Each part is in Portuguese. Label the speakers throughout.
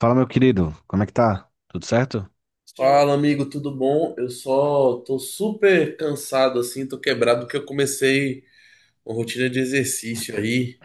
Speaker 1: Fala, meu querido, como é que tá? Tudo certo?
Speaker 2: Fala, amigo, tudo bom? Eu só tô super cansado assim, tô quebrado porque eu comecei uma rotina de exercício aí.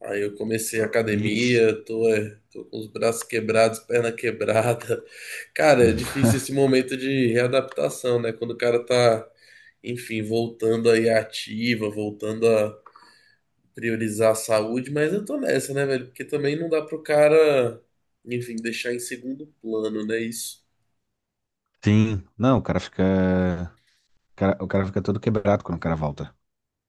Speaker 2: Aí eu comecei a
Speaker 1: Ixi.
Speaker 2: academia, tô com os braços quebrados, perna quebrada. Cara, é
Speaker 1: Hum.
Speaker 2: difícil esse momento de readaptação, né? Quando o cara tá, enfim, voltando aí à ativa, voltando a priorizar a saúde, mas eu tô nessa, né, velho? Porque também não dá pro cara, enfim, deixar em segundo plano, né? Isso.
Speaker 1: Sim. Não, o cara fica. O cara fica todo quebrado quando o cara volta.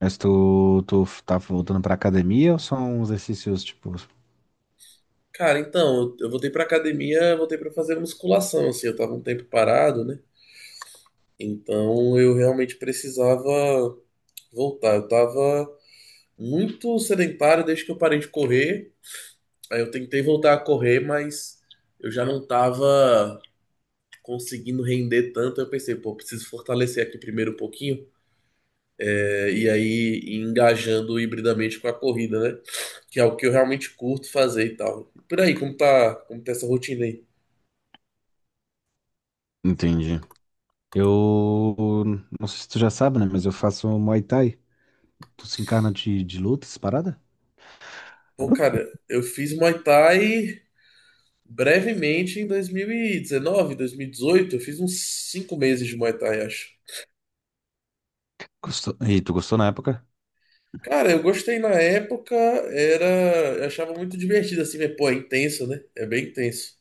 Speaker 1: Mas tu tá voltando pra academia ou são exercícios tipo.
Speaker 2: Cara, então, eu voltei pra academia, voltei pra fazer musculação, assim, eu tava um tempo parado, né? Então eu realmente precisava voltar. Eu tava muito sedentário desde que eu parei de correr. Aí eu tentei voltar a correr, mas eu já não tava conseguindo render tanto. Eu pensei, pô, preciso fortalecer aqui primeiro um pouquinho. E aí ir engajando hibridamente com a corrida, né? Que é o que eu realmente curto fazer e tal. E por aí, como tá essa rotina aí?
Speaker 1: Entendi. Eu. Não sei se tu já sabe, né? Mas eu faço Muay Thai. Tu se encarna de luta, essa parada?
Speaker 2: Pô, cara, eu fiz Muay Thai brevemente em 2019, 2018. Eu fiz uns 5 meses de Muay Thai, acho.
Speaker 1: Gostou? E tu gostou na época?
Speaker 2: Cara, eu gostei na época, era. Eu achava muito divertido, assim, mas, pô, é intenso, né? É bem intenso.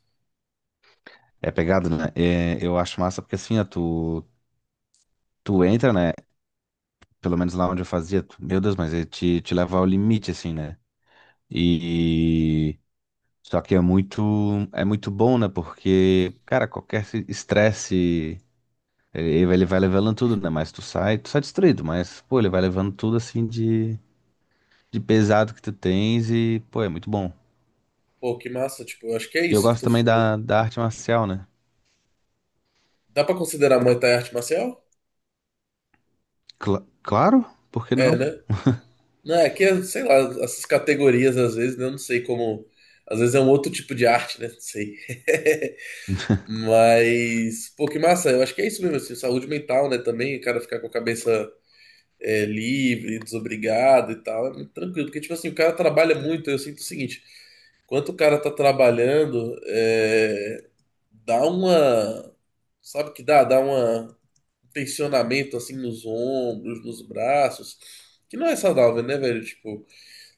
Speaker 1: É pegado, né? É, eu acho massa porque assim, ó, tu entra, né? Pelo menos lá onde eu fazia, meu Deus, mas ele te leva ao limite, assim, né? E só que é muito bom, né? Porque, cara, qualquer estresse, ele vai levando tudo, né? Mas tu sai destruído, mas pô, ele vai levando tudo assim de pesado que tu tens, e pô, é muito bom.
Speaker 2: Pô, que massa, tipo, eu acho que é
Speaker 1: E eu
Speaker 2: isso que
Speaker 1: gosto
Speaker 2: tu
Speaker 1: também
Speaker 2: falou.
Speaker 1: da arte marcial, né?
Speaker 2: Dá pra considerar Muay Thai arte marcial?
Speaker 1: Claro, por que
Speaker 2: É,
Speaker 1: não?
Speaker 2: né? Não, é que, é, sei lá, essas categorias às vezes, né? Eu não sei como. Às vezes é um outro tipo de arte, né? Não sei. Mas, pô, que massa, eu acho que é isso mesmo, assim, saúde mental, né, também, o cara ficar com a cabeça livre, desobrigado e tal, é muito tranquilo, porque, tipo assim, o cara trabalha muito, eu sinto o seguinte, enquanto o cara tá trabalhando, dá uma, sabe o que dá? Dá uma tensionamento assim nos ombros, nos braços, que não é saudável, né, velho? Tipo,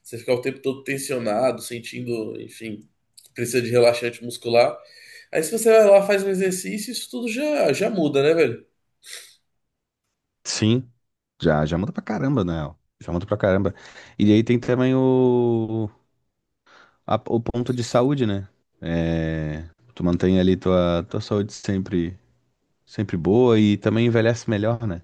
Speaker 2: você ficar o tempo todo tensionado, sentindo, enfim, que precisa de relaxante muscular. Aí se você vai lá, faz um exercício, isso tudo já muda, né, velho?
Speaker 1: Sim. Já muda pra caramba, né? Já muda pra caramba. E aí tem também o ponto de saúde, né? É, tu mantém ali tua saúde sempre boa e também envelhece melhor, né?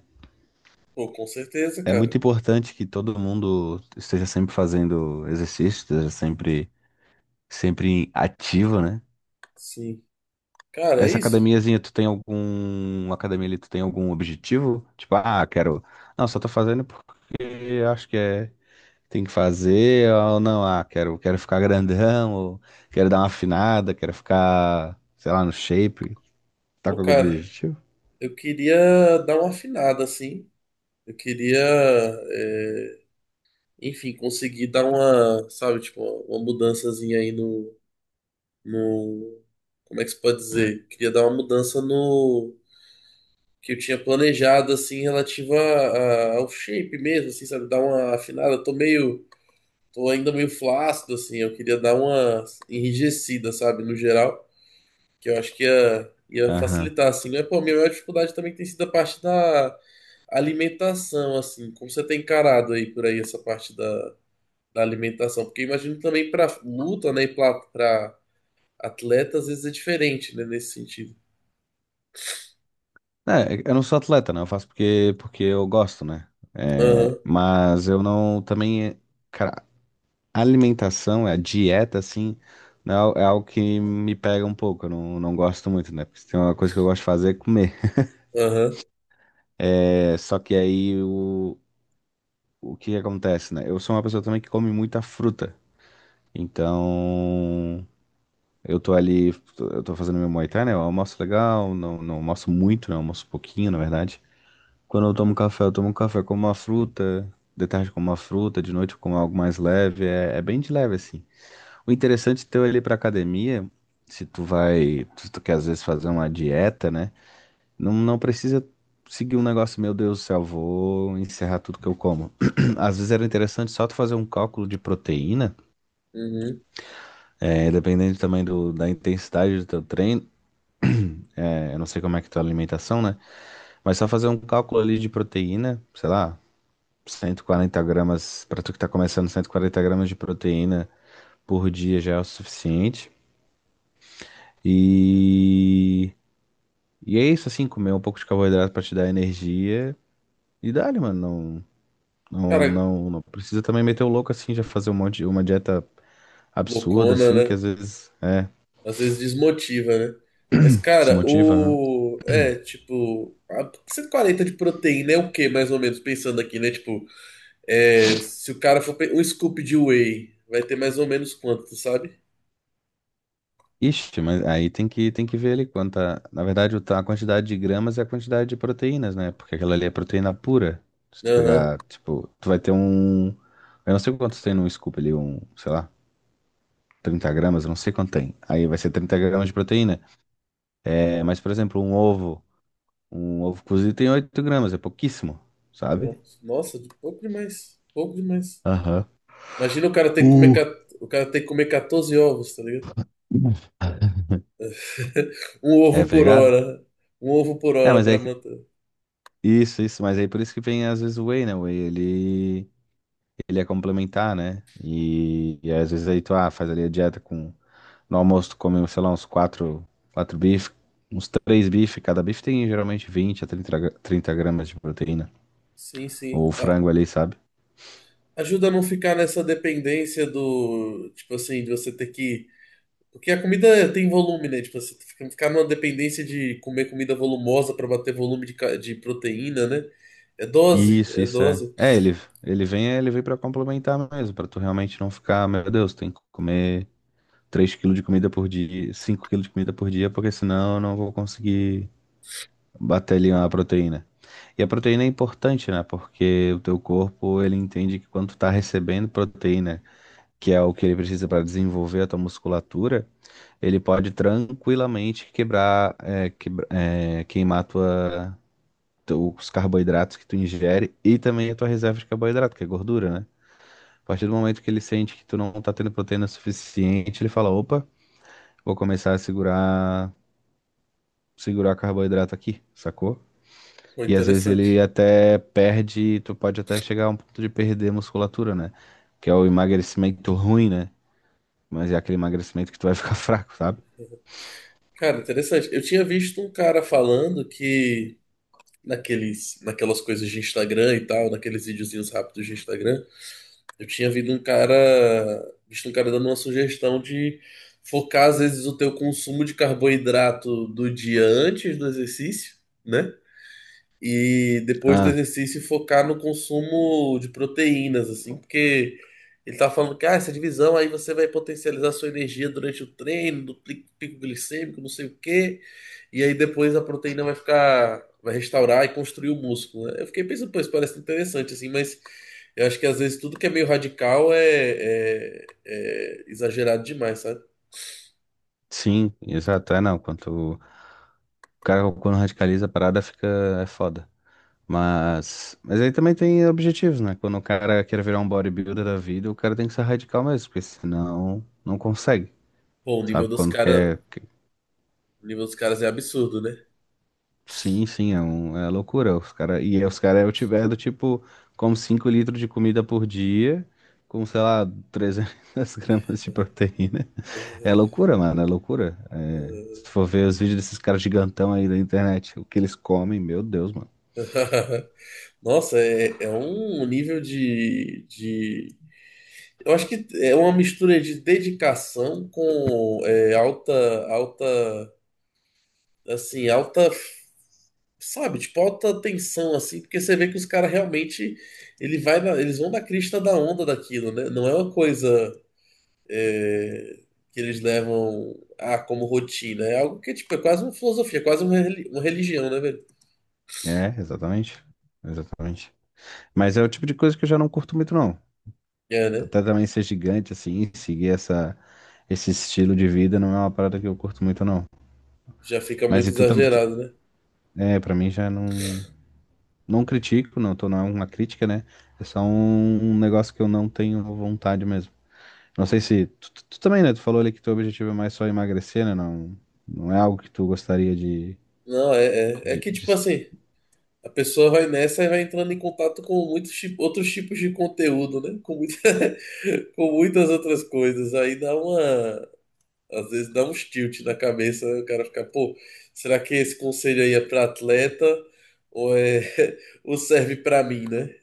Speaker 2: Pô, com certeza,
Speaker 1: É muito
Speaker 2: cara.
Speaker 1: importante que todo mundo esteja sempre fazendo exercício, esteja sempre ativo, né?
Speaker 2: Sim. Cara, é
Speaker 1: Essa
Speaker 2: isso?
Speaker 1: academiazinha, academia ali, tu tem algum objetivo? Tipo, ah, quero, não, só tô fazendo porque acho que é, tem que fazer, ou não, ah, quero ficar grandão, ou quero dar uma afinada, quero ficar, sei lá, no shape. Tá
Speaker 2: Pô,
Speaker 1: com algum
Speaker 2: cara,
Speaker 1: objetivo?
Speaker 2: eu queria dar uma afinada, assim. Eu queria, é, enfim, conseguir dar uma, sabe, tipo, uma mudançazinha aí no, como é que se pode dizer? Queria dar uma mudança no que eu tinha planejado, assim, relativa ao shape mesmo, assim, sabe? Dar uma afinada. Eu tô ainda meio flácido, assim. Eu queria dar uma enrijecida, sabe? No geral, que eu acho que ia
Speaker 1: Aham.
Speaker 2: facilitar, assim. Mas, pô, a minha maior dificuldade também tem sido a parte da alimentação, assim. Como você tem encarado aí por aí essa parte da alimentação? Porque eu imagino também pra luta, né? E pra atleta às vezes é diferente, né, nesse sentido.
Speaker 1: É, eu não sou atleta, né? Eu faço porque eu gosto, né? É,
Speaker 2: Aham,
Speaker 1: mas eu não também, cara, alimentação, a dieta, assim, né, é algo que me pega um pouco. Eu não gosto muito, né? Porque se tem uma coisa que eu gosto de fazer é comer.
Speaker 2: aham.
Speaker 1: É, só que aí o que que acontece, né? Eu sou uma pessoa também que come muita fruta. Então, eu tô ali, eu tô fazendo meu Muay Thai, né? Eu almoço legal, não, não almoço muito, né? Eu almoço pouquinho, na verdade. Quando eu tomo café com uma fruta, de tarde com uma fruta, de noite com algo mais leve, é bem de leve assim. O interessante teu é ir pra academia, se tu quer às vezes fazer uma dieta, né? Não, não precisa seguir um negócio, meu Deus do céu, vou encerrar tudo que eu como. Às vezes era interessante só tu fazer um cálculo de proteína,
Speaker 2: Uhum.
Speaker 1: dependendo também da intensidade do teu treino, eu não sei como é que é a tua alimentação, né? Mas só fazer um cálculo ali de proteína, sei lá, 140 gramas, para tu que tá começando, 140 gramas de proteína por dia já é o suficiente. E, e é isso, assim, comer um pouco de carboidrato para te dar energia. E dá-lhe, mano. Não, não,
Speaker 2: Cara,
Speaker 1: não, não precisa também meter o louco assim, já fazer um monte, uma dieta absurda,
Speaker 2: loucona,
Speaker 1: assim, que
Speaker 2: né?
Speaker 1: às vezes
Speaker 2: Às vezes desmotiva, né? Mas, cara,
Speaker 1: desmotiva, né?
Speaker 2: o. É, tipo. 140 de proteína é o quê, mais ou menos? Pensando aqui, né? Tipo, é, se o cara for. Pe- Um scoop de whey, vai ter mais ou menos quanto, tu sabe?
Speaker 1: Ixi, mas aí tem que ver ali quanta. Na verdade, a quantidade de gramas é a quantidade de proteínas, né? Porque aquela ali é proteína pura. Se tu
Speaker 2: Aham.
Speaker 1: pegar, tipo, tu vai ter um. Eu não sei quantos tem num scoop ali, um, sei lá, 30 gramas, eu não sei quanto tem. Aí vai ser 30 gramas de proteína. É, mas, por exemplo, um ovo cozido tem 8 gramas, é pouquíssimo, sabe?
Speaker 2: Nossa, pouco demais. Pouco demais.
Speaker 1: Aham.
Speaker 2: Imagina o cara ter que comer.
Speaker 1: Uh.
Speaker 2: O cara ter que comer 14 ovos, tá ligado? Um
Speaker 1: É
Speaker 2: ovo por
Speaker 1: pegado?
Speaker 2: hora. Um ovo por
Speaker 1: É,
Speaker 2: hora
Speaker 1: mas
Speaker 2: pra
Speaker 1: é. que-
Speaker 2: manter.
Speaker 1: isso, isso, mas aí por isso que vem às vezes o whey, né? O whey, ele é complementar, né? E às vezes aí tu faz ali a dieta com. No almoço tu come, sei lá, uns quatro bifes, uns três bifes. Cada bife tem geralmente 20 a 30 gra- 30 gramas de proteína.
Speaker 2: Sim, sim.
Speaker 1: Ou frango ali, sabe?
Speaker 2: Ajuda a não ficar nessa dependência do, tipo assim, de você ter que. Porque a comida tem volume, né? Tipo, assim, você ficar numa dependência de comer comida volumosa pra bater volume de proteína, né? É dose,
Speaker 1: Isso,
Speaker 2: é
Speaker 1: isso é.
Speaker 2: dose.
Speaker 1: É, ele vem pra complementar mesmo, pra tu realmente não ficar, meu Deus, tem que comer 3 quilos de comida por dia, 5 quilos de comida por dia, porque senão eu não vou conseguir bater ali uma proteína. E a proteína é importante, né? Porque o teu corpo, ele entende que quando tu tá recebendo proteína, que é o que ele precisa para desenvolver a tua musculatura, ele pode tranquilamente quebrar, é, quebra- é, queimar os carboidratos que tu ingere e também a tua reserva de carboidrato, que é gordura, né? A partir do momento que ele sente que tu não tá tendo proteína suficiente, ele fala, opa, vou começar a segurar, segurar carboidrato aqui, sacou?
Speaker 2: Pô,
Speaker 1: E às vezes ele
Speaker 2: interessante.
Speaker 1: até perde, tu pode até chegar a um ponto de perder musculatura, né? Que é o emagrecimento ruim, né? Mas é aquele emagrecimento que tu vai ficar fraco, sabe?
Speaker 2: Cara, interessante. Eu tinha visto um cara falando que naqueles, naquelas coisas de Instagram e tal, naqueles videozinhos rápidos de Instagram. Eu tinha visto um cara dando uma sugestão de focar às vezes o teu consumo de carboidrato do dia antes do exercício, né? E depois do
Speaker 1: Ah,
Speaker 2: exercício focar no consumo de proteínas, assim, porque ele tá falando que ah, essa divisão aí você vai potencializar sua energia durante o treino, do pico glicêmico, não sei o quê, e aí depois a proteína vai restaurar e construir o músculo, né? Eu fiquei pensando, pô, isso parece interessante, assim, mas eu acho que às vezes tudo que é meio radical é exagerado demais, sabe?
Speaker 1: sim, exato. É, não, quando o cara quando radicaliza a parada fica é foda. Mas aí também tem objetivos, né? Quando o cara quer virar um bodybuilder da vida, o cara tem que ser radical mesmo, porque senão não consegue,
Speaker 2: Pô, o nível
Speaker 1: sabe?
Speaker 2: dos
Speaker 1: Quando
Speaker 2: caras,
Speaker 1: quer
Speaker 2: o nível dos caras é absurdo, né?
Speaker 1: Sim, sim, é loucura. E os caras eu tiver do tipo, como 5 litros de comida por dia, com, sei lá, 300 gramas de proteína. É loucura, mano, é loucura. É, se for ver os vídeos desses caras gigantão aí da internet, o que eles comem, meu Deus, mano.
Speaker 2: Nossa, é um nível de. Eu acho que é uma mistura de dedicação com alta, alta, assim, alta, sabe, tipo, alta tensão, assim, porque você vê que os caras realmente, eles vão na crista da onda daquilo, né? Não é uma coisa é, que eles levam ah, como rotina, é algo que, tipo, é quase uma filosofia, é quase uma religião, né, velho?
Speaker 1: É, exatamente. Exatamente. Mas é o tipo de coisa que eu já não curto muito, não.
Speaker 2: É, né?
Speaker 1: Até também ser gigante, assim, seguir esse estilo de vida não é uma parada que eu curto muito, não.
Speaker 2: Já fica
Speaker 1: Mas
Speaker 2: muito
Speaker 1: e tu também.
Speaker 2: exagerado, né?
Speaker 1: É, pra mim já não. Não critico, não, não é uma crítica, né? É só um negócio que eu não tenho vontade mesmo. Não sei se. Tu também, né? Tu falou ali que teu objetivo é mais só emagrecer, né? Não, não é algo que tu gostaria de,
Speaker 2: Não, é
Speaker 1: de,
Speaker 2: que, tipo
Speaker 1: de-
Speaker 2: assim. A pessoa vai nessa e vai entrando em contato com muitos outros tipos de conteúdo, né? Com muitas outras coisas. Aí dá uma. Às vezes dá uns tilt na cabeça, né? O cara fica, pô, será que esse conselho aí é pra atleta ou é ou serve pra mim, né?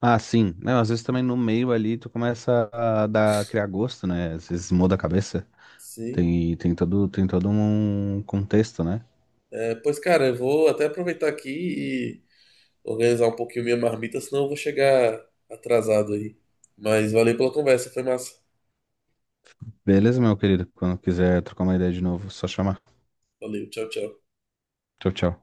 Speaker 1: Ah, sim. Não, às vezes também no meio ali tu começa a dar, criar gosto, né? Às vezes muda a cabeça.
Speaker 2: Sim.
Speaker 1: Tem todo um contexto, né?
Speaker 2: Pois, cara, eu vou até aproveitar aqui e organizar um pouquinho minha marmita, senão eu vou chegar atrasado aí. Mas valeu pela conversa, foi massa.
Speaker 1: Beleza, meu querido. Quando quiser trocar uma ideia de novo, só chamar.
Speaker 2: Valeu, tchau, tchau.
Speaker 1: Tchau, tchau.